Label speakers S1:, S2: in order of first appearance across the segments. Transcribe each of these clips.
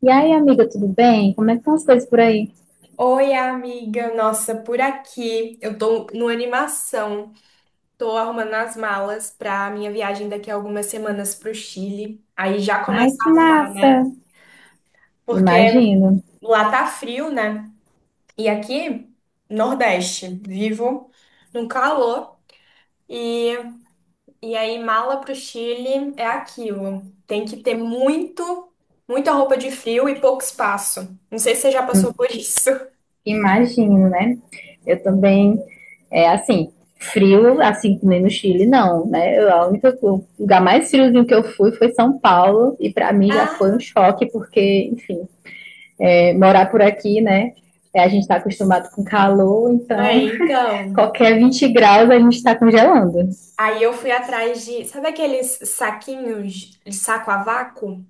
S1: E aí, amiga, tudo bem? Como é que estão as coisas por aí?
S2: Oi, amiga. Nossa, por aqui. Eu tô numa animação. Tô arrumando as malas pra minha viagem daqui a algumas semanas pro Chile. Aí já
S1: Ai,
S2: começa a
S1: que
S2: arrumar,
S1: massa!
S2: né? Porque
S1: Imagino,
S2: lá tá frio, né? E aqui, Nordeste, vivo num calor. E, e aí, mala pro Chile é aquilo. Tem que ter muito, muita roupa de frio e pouco espaço. Não sei se você já passou por isso.
S1: imagino, né? Eu também, é assim, frio, assim que nem no Chile, não, né? Eu, a única, o lugar mais friozinho que eu fui foi São Paulo, e para mim já foi um
S2: Ah,
S1: choque, porque, enfim, é, morar por aqui, né? É, a gente está acostumado com calor, então
S2: é, então.
S1: qualquer 20 graus a gente está congelando.
S2: Aí eu fui atrás de, sabe aqueles saquinhos de saco a vácuo?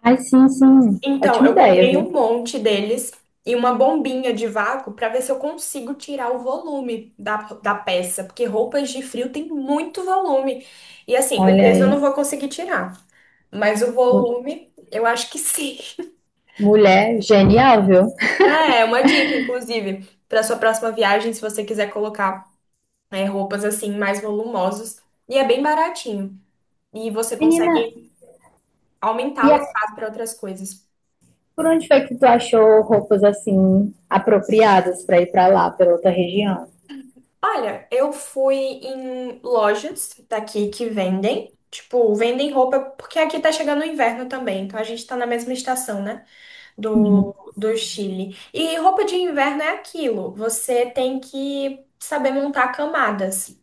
S1: Ai, sim, sim,
S2: Então,
S1: ótima
S2: eu
S1: ideia,
S2: comprei
S1: viu?
S2: um monte deles e uma bombinha de vácuo para ver se eu consigo tirar o volume da peça, porque roupas de frio tem muito volume. E assim, o
S1: Olha
S2: peso eu não
S1: aí,
S2: vou conseguir tirar, mas o
S1: mu-
S2: volume eu acho que sim.
S1: mulher genial, viu?
S2: É uma dica, inclusive, para sua próxima viagem, se você quiser colocar, roupas assim mais volumosas. E é bem baratinho. E você
S1: Menina,
S2: consegue
S1: e
S2: aumentar o
S1: aí,
S2: espaço para outras coisas.
S1: por onde foi que tu achou roupas assim apropriadas pra ir pra lá, pra outra região?
S2: Olha, eu fui em lojas daqui que vendem, tipo, vendem roupa, porque aqui tá chegando o inverno também, então a gente tá na mesma estação, né,
S1: Uhum.
S2: do Chile. E roupa de inverno é aquilo, você tem que saber montar camadas.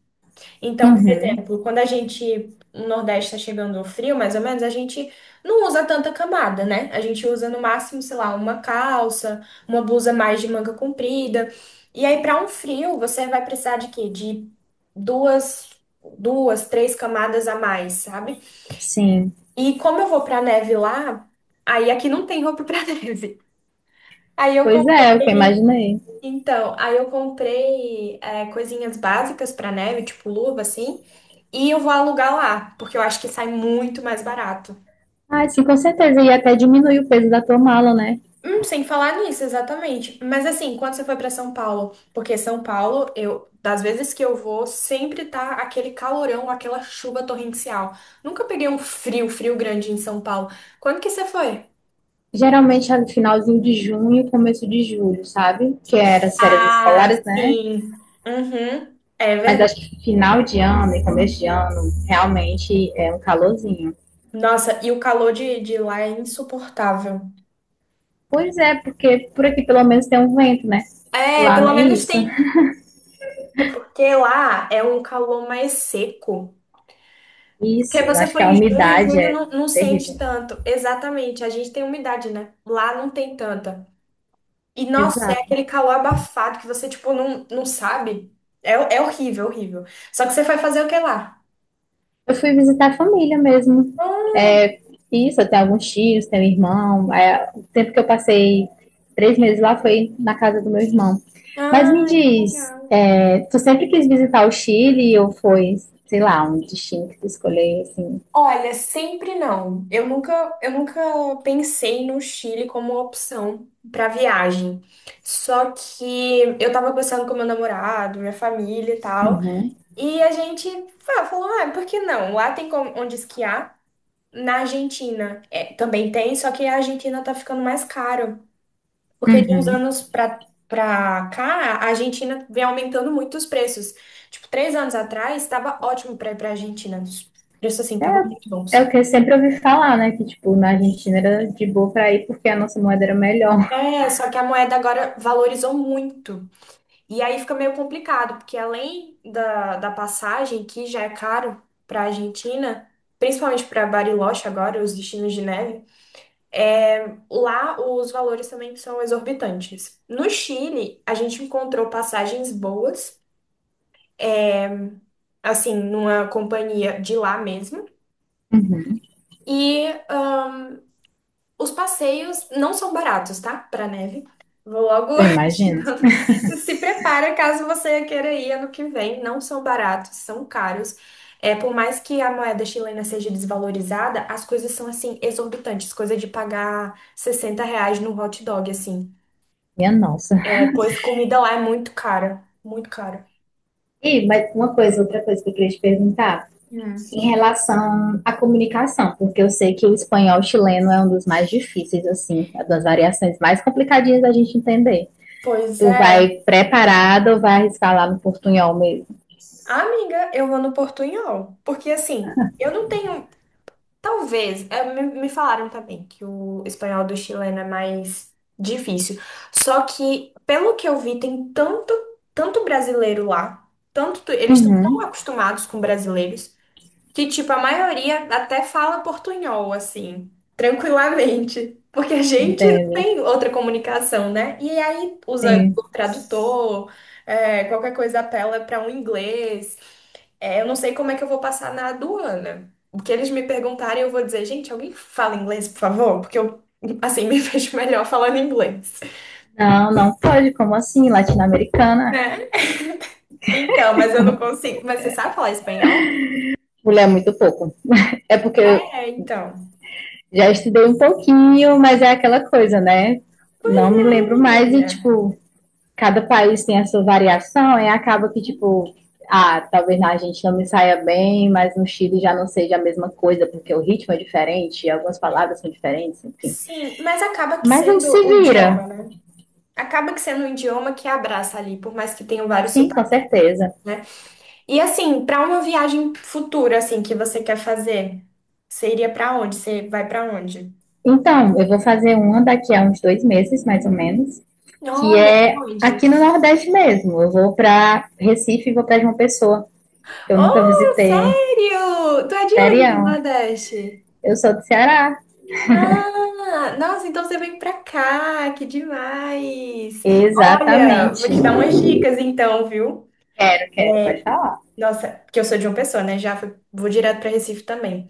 S2: Então, por
S1: Uhum,
S2: exemplo, quando a gente, no Nordeste está chegando o frio, mais ou menos, a gente não usa tanta camada, né? A gente usa no máximo, sei lá, uma calça, uma blusa mais de manga comprida. E aí, para um frio, você vai precisar de quê? De duas, duas, três camadas a mais, sabe?
S1: sim.
S2: E como eu vou pra neve lá, aí aqui não tem roupa pra neve. Aí eu
S1: Pois é, o que eu
S2: comprei.
S1: imaginei.
S2: Então, aí eu comprei coisinhas básicas pra neve, tipo luva, assim, e eu vou alugar lá, porque eu acho que sai muito mais barato.
S1: Ah, sim, com certeza. E até diminui o peso da tua mala, né?
S2: Sem falar nisso, exatamente. Mas assim, quando você foi pra São Paulo? Porque São Paulo, eu, das vezes que eu vou, sempre tá aquele calorão, aquela chuva torrencial. Nunca peguei um frio, frio grande em São Paulo. Quando que você foi?
S1: Geralmente é no finalzinho de junho, começo de julho, sabe? Que era as férias
S2: Ah,
S1: escolares, né?
S2: sim. Uhum, é
S1: Mas
S2: verdade.
S1: acho que final de ano e começo de ano realmente é um calorzinho.
S2: Nossa, e o calor de lá é insuportável.
S1: Pois é, porque por aqui pelo menos tem um vento, né?
S2: É,
S1: Lá
S2: pelo
S1: nem
S2: menos
S1: isso.
S2: tem. É porque lá é um calor mais seco. Porque
S1: Isso,
S2: você
S1: acho que
S2: foi
S1: a
S2: em junho,
S1: umidade
S2: julho
S1: é
S2: não, não sente
S1: terrível.
S2: tanto. Exatamente, a gente tem umidade, né? Lá não tem tanta. E nossa, é
S1: Exato.
S2: aquele calor abafado que você, tipo, não, não sabe. É horrível, horrível. Só que você foi fazer o que lá?
S1: Eu fui visitar a família mesmo.
S2: Ah,
S1: É, isso, eu tenho alguns tios, tenho irmão. É, o tempo que eu passei 3 meses lá foi na casa do meu irmão. Mas me
S2: ai, que
S1: diz,
S2: legal.
S1: é, tu sempre quis visitar o Chile ou foi, sei lá, um destino que tu escolheu, assim?
S2: Olha, sempre não. Eu nunca pensei no Chile como opção para viagem. Só que eu tava conversando com meu namorado, minha família e tal,
S1: Uhum,
S2: e a gente falou, ah, por que não? Lá onde esquiar. Na Argentina também tem, só que a Argentina tá ficando mais caro, porque de uns
S1: uhum.
S2: anos pra para cá, a Argentina vem aumentando muito os preços. Tipo, três anos atrás, estava ótimo para ir para Argentina. Os preços, assim, estavam muito
S1: É
S2: bons.
S1: o que eu sempre ouvi falar, né? Que, tipo, na Argentina era de boa pra ir porque a nossa moeda era melhor.
S2: É, só que a moeda agora valorizou muito. E aí fica meio complicado, porque além da passagem, que já é caro para a Argentina, principalmente para Bariloche agora, os destinos de neve, lá os valores também são exorbitantes. No Chile, a gente encontrou passagens boas, assim, numa companhia de lá mesmo. E os passeios não são baratos, tá? Para neve. Vou logo
S1: Eu
S2: te
S1: imagino.
S2: dando. Se prepara caso você queira ir ano que vem. Não são baratos, são caros. É, por mais que a moeda chilena seja desvalorizada, as coisas são assim exorbitantes, coisa de pagar 60 reais num hot dog, assim.
S1: Minha nossa.
S2: É, pois comida lá é muito cara, muito cara.
S1: E mas uma coisa, outra coisa que eu queria te perguntar,
S2: Hum.
S1: em relação à comunicação, porque eu sei que o espanhol chileno é um dos mais difíceis, assim, é das variações mais complicadinhas da gente entender.
S2: Pois
S1: Tu
S2: é.
S1: vai preparado ou vai arriscar lá no portunhol mesmo?
S2: Amiga, eu vou no Portunhol, porque assim, eu não tenho. Talvez. É, me falaram também que o espanhol do chileno é mais difícil. Só que, pelo que eu vi, tem tanto, tanto brasileiro lá. Tanto, eles estão
S1: Uhum,
S2: tão acostumados com brasileiros que, tipo, a maioria até fala portunhol, assim, tranquilamente. Porque a gente não
S1: entende?
S2: tem outra comunicação, né? E aí usa
S1: Sim.
S2: o tradutor, é, qualquer coisa apela para um inglês. É, eu não sei como é que eu vou passar na aduana. O que eles me perguntarem, eu vou dizer, gente, alguém fala inglês, por favor? Porque eu, assim, me vejo melhor falando inglês,
S1: Não, não pode, como assim? Latino-americana?
S2: né? Então, mas eu não consigo. Mas você sabe falar espanhol?
S1: Mulher, muito pouco. É porque
S2: É,
S1: eu
S2: então.
S1: já estudei um pouquinho, mas é aquela coisa, né?
S2: Pois
S1: Não me lembro
S2: é,
S1: mais e,
S2: menina.
S1: tipo, cada país tem a sua variação, e acaba que, tipo, ah, talvez na Argentina não me saia bem, mas no Chile já não seja a mesma coisa, porque o ritmo é diferente, algumas palavras são diferentes, enfim.
S2: Sim, mas acaba que
S1: Mas a gente se
S2: sendo o
S1: vira,
S2: idioma, né? Acaba que sendo o idioma que abraça ali, por mais que tenham vários
S1: sim, com
S2: sotaques,
S1: certeza.
S2: né? E assim, para uma viagem futura, assim, que você quer fazer, você iria para onde? Você vai para onde?
S1: Então, eu vou fazer uma daqui a uns 2 meses, mais ou menos, que
S2: Olha, pra
S1: é
S2: onde?
S1: aqui no Nordeste mesmo. Eu vou para Recife e vou para João Pessoa, que eu nunca
S2: Oh,
S1: visitei.
S2: sério? Tu é de onde do
S1: Sério,
S2: Nordeste?
S1: eu sou do Ceará.
S2: Ah, nossa, então você vem pra cá, que demais. Olha, vou
S1: Exatamente.
S2: te dar umas dicas então, viu?
S1: Eu quero, pode falar.
S2: Nossa, porque eu sou de uma pessoa, né? Vou direto pra Recife também.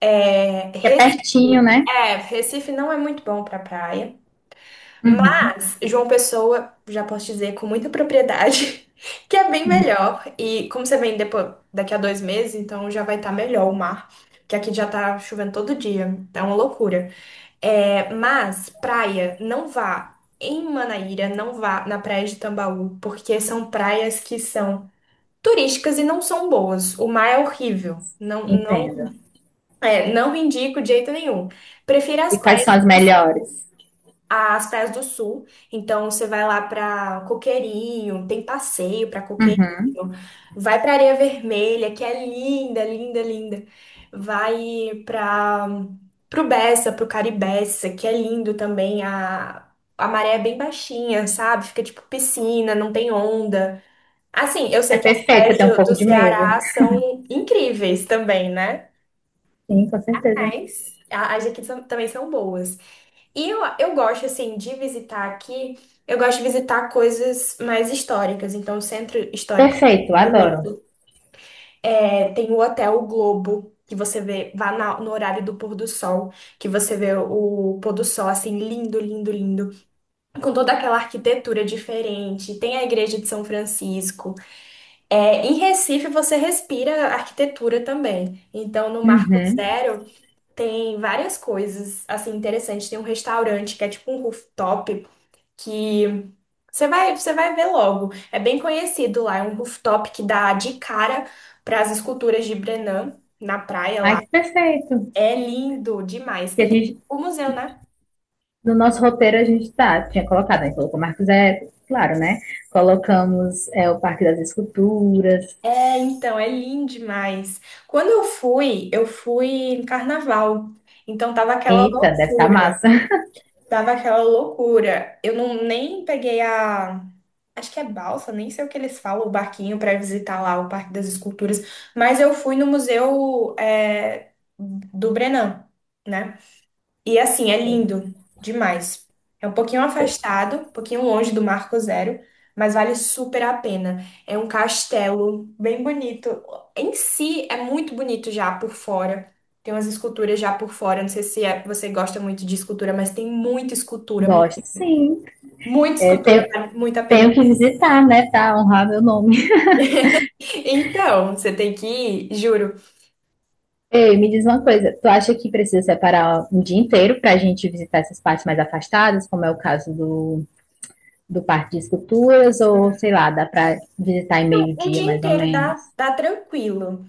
S1: Que é pertinho, né?
S2: É, Recife não é muito bom para praia, mas João Pessoa, já posso dizer com muita propriedade, que é bem melhor. E como você vem depois, daqui a dois meses, então já vai estar melhor o mar, que aqui já tá chovendo todo dia, tá uma loucura. É, mas praia, não vá em Manaíra, não vá na praia de Tambaú, porque são praias que são turísticas e não são boas. O mar é horrível, não, não
S1: Entendo.
S2: é, não indico de jeito nenhum. Prefiro
S1: E quais são as melhores?
S2: as praias do sul. Então você vai lá pra Coqueirinho, tem passeio pra
S1: Uhum.
S2: Coqueirinho, vai pra Areia Vermelha, que é linda, linda, linda. Vai para pro Bessa, pro Caribessa, que é lindo também. A maré é bem baixinha, sabe? Fica tipo piscina, não tem onda. Assim, eu
S1: É
S2: sei que as
S1: perfeito, eu
S2: praias
S1: tenho um
S2: do
S1: pouco
S2: do
S1: de medo.
S2: Ceará são incríveis também, né?
S1: Sim, com certeza.
S2: Mas as daqui são, também são boas. E eu gosto, assim, de visitar aqui, eu gosto de visitar coisas mais históricas. Então, o centro histórico
S1: Perfeito,
S2: é
S1: adoro.
S2: bonito. É, tem o Hotel Globo, que você vê, no horário do pôr do sol, que você vê o pôr do sol, assim, lindo, lindo, lindo. Com toda aquela arquitetura diferente. Tem a Igreja de São Francisco. É, em Recife, você respira arquitetura também. Então, no Marco
S1: Uhum.
S2: Zero. Tem várias coisas assim interessantes. Tem um restaurante que é tipo um rooftop que você vai ver logo. É bem conhecido lá, é um rooftop que dá de cara para as esculturas de Brennan na praia
S1: Ai,
S2: lá.
S1: que perfeito.
S2: É lindo demais.
S1: Que
S2: E
S1: a
S2: tem
S1: gente,
S2: o museu, né?
S1: no nosso roteiro a gente tá, tinha colocado, a gente colocou Marcos Zé, claro, né? Colocamos é, o Parque das Esculturas.
S2: É, então, é lindo demais. Quando eu fui em carnaval. Então tava aquela
S1: Eita, deve estar
S2: loucura.
S1: massa.
S2: Tava aquela loucura. Eu não nem peguei a. Acho que é balsa, nem sei o que eles falam, o barquinho para visitar lá o Parque das Esculturas. Mas eu fui no Museu do Brennand, né? E assim, é lindo demais. É um pouquinho afastado, um pouquinho longe do Marco Zero, mas vale super a pena. É um castelo bem bonito. Em si, é muito bonito já por fora. Tem umas esculturas já por fora. Não sei se você gosta muito de escultura, mas tem muita escultura,
S1: Gosto, sim.
S2: muita
S1: É,
S2: escultura,
S1: tem-
S2: vale muito a
S1: tenho
S2: pena.
S1: que visitar, né? Tá, honrar meu nome.
S2: Então, você tem que ir, juro.
S1: Ei, me diz uma coisa, tu acha que precisa separar um dia inteiro pra gente visitar essas partes mais afastadas, como é o caso do Parque de Esculturas ou,
S2: Hum.
S1: sei lá, dá para visitar em
S2: Um
S1: meio-dia,
S2: dia
S1: mais ou
S2: inteiro dá,
S1: menos.
S2: dá tranquilo.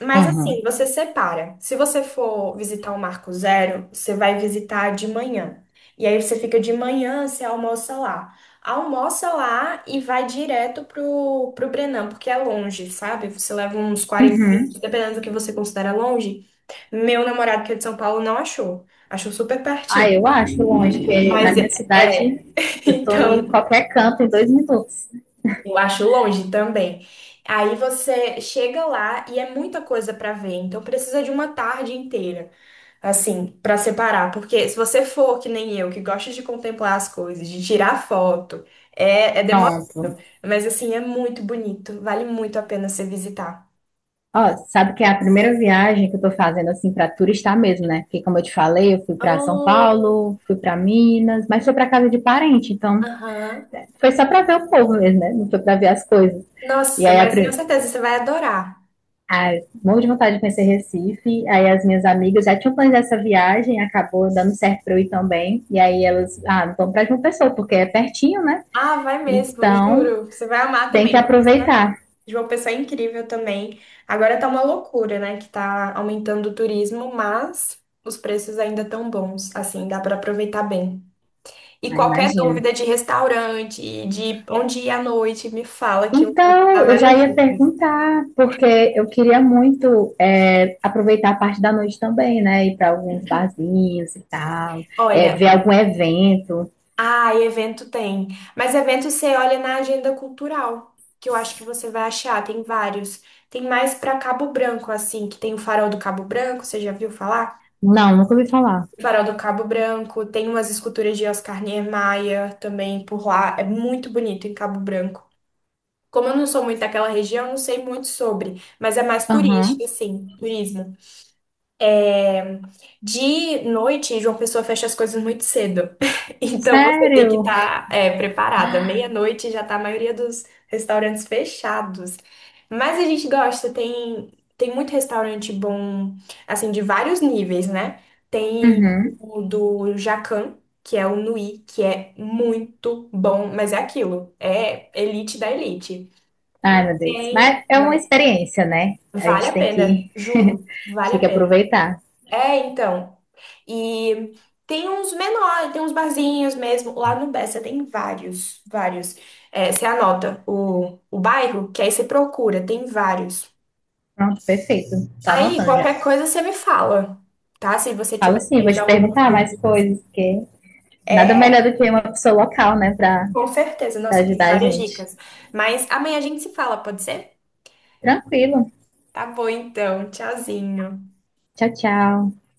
S2: Mas assim,
S1: Uhum.
S2: você separa. Se você for visitar o Marco Zero, você vai visitar de manhã. E aí você fica de manhã, você almoça lá. Almoça lá e vai direto pro Brennand, porque é longe, sabe? Você leva uns quarenta
S1: Uhum.
S2: minutos, dependendo do que você considera longe. Meu namorado, que é de São Paulo, não achou. Achou super pertinho.
S1: Ah, eu acho longe, porque na
S2: Mas
S1: minha cidade eu tô em
S2: então.
S1: qualquer canto em 2 minutos.
S2: Eu acho longe também. Aí você chega lá e é muita coisa pra ver, então precisa de uma tarde inteira, assim, pra separar, porque se você for que nem eu, que gosta de contemplar as coisas, de tirar foto, é demorado,
S1: Pronto.
S2: mas assim, é muito bonito, vale muito a pena você visitar.
S1: Ó, sabe que é a primeira viagem que eu tô fazendo assim para turistar mesmo, né? Porque como eu te falei, eu fui para São
S2: Oh,
S1: Paulo, fui para Minas, mas foi para casa de parente, então
S2: aham.
S1: foi só para ver o povo mesmo, né? Não foi para ver as coisas. E
S2: Nossa,
S1: aí
S2: mas tenho certeza, você vai adorar.
S1: Ai, morro de vontade de conhecer Recife. Aí as minhas amigas já tinham planejado essa viagem, acabou dando certo para eu ir também. E aí elas, ah, vamos para João Pessoa, porque é pertinho, né?
S2: Ah, vai mesmo,
S1: Então
S2: juro, você vai amar
S1: tem que
S2: também.
S1: aproveitar.
S2: De uma pessoa incrível também. Agora tá uma loucura, né? Que tá aumentando o turismo, mas os preços ainda tão bons. Assim, dá pra aproveitar bem. E
S1: Ah,
S2: qualquer
S1: imagina.
S2: dúvida de restaurante, de onde ir à noite, me fala que eu vou te
S1: Então,
S2: dar
S1: eu já
S2: várias
S1: ia
S2: dicas.
S1: perguntar, porque eu queria muito é, aproveitar a parte da noite também, né? Ir para alguns barzinhos e tal, é,
S2: Olha,
S1: ver algum evento.
S2: ah, evento tem. Mas evento você olha na agenda cultural, que eu acho que você vai achar, tem vários. Tem mais pra Cabo Branco, assim, que tem o Farol do Cabo Branco, você já viu falar?
S1: Não, nunca ouvi falar.
S2: Farol do Cabo Branco, tem umas esculturas de Oscar Niemeyer também por lá. É muito bonito em Cabo Branco. Como eu não sou muito daquela região, eu não sei muito sobre, mas é mais
S1: Aham.
S2: turístico, assim, turismo. De noite, João Pessoa fecha as coisas muito cedo. Então você tem que
S1: Sério?
S2: estar preparada. Meia-noite já está a maioria dos restaurantes fechados. Mas a gente gosta, tem muito restaurante bom, assim, de vários níveis, né? Tem
S1: Uhum.
S2: o do Jacan, que é o Nui, que é muito bom, mas é aquilo, é elite da elite.
S1: Ai, meu Deus. Mas
S2: Tem,
S1: é uma
S2: mas
S1: experiência, né? A
S2: vale
S1: gente
S2: a
S1: tem
S2: pena,
S1: que, a
S2: juro,
S1: gente
S2: vale a
S1: tem que
S2: pena.
S1: aproveitar.
S2: É, então. E tem uns menores, tem uns barzinhos mesmo. Lá no Bessa tem vários, vários. É, você anota o bairro, que aí você procura, tem vários.
S1: Pronto, perfeito. Tô
S2: Aí,
S1: anotando já.
S2: qualquer coisa você me fala, tá? Se você
S1: Falo
S2: tiver
S1: sim, vou
S2: mais
S1: te
S2: algumas
S1: perguntar mais
S2: dúvidas.
S1: coisas, porque nada
S2: É,
S1: melhor do que uma pessoa local, né, pra,
S2: com certeza.
S1: pra
S2: Nossa, tem
S1: ajudar a
S2: várias
S1: gente.
S2: dicas. Mas amanhã a gente se fala, pode ser?
S1: Tranquilo.
S2: Tá bom, então. Tchauzinho.
S1: Tchau, tchau.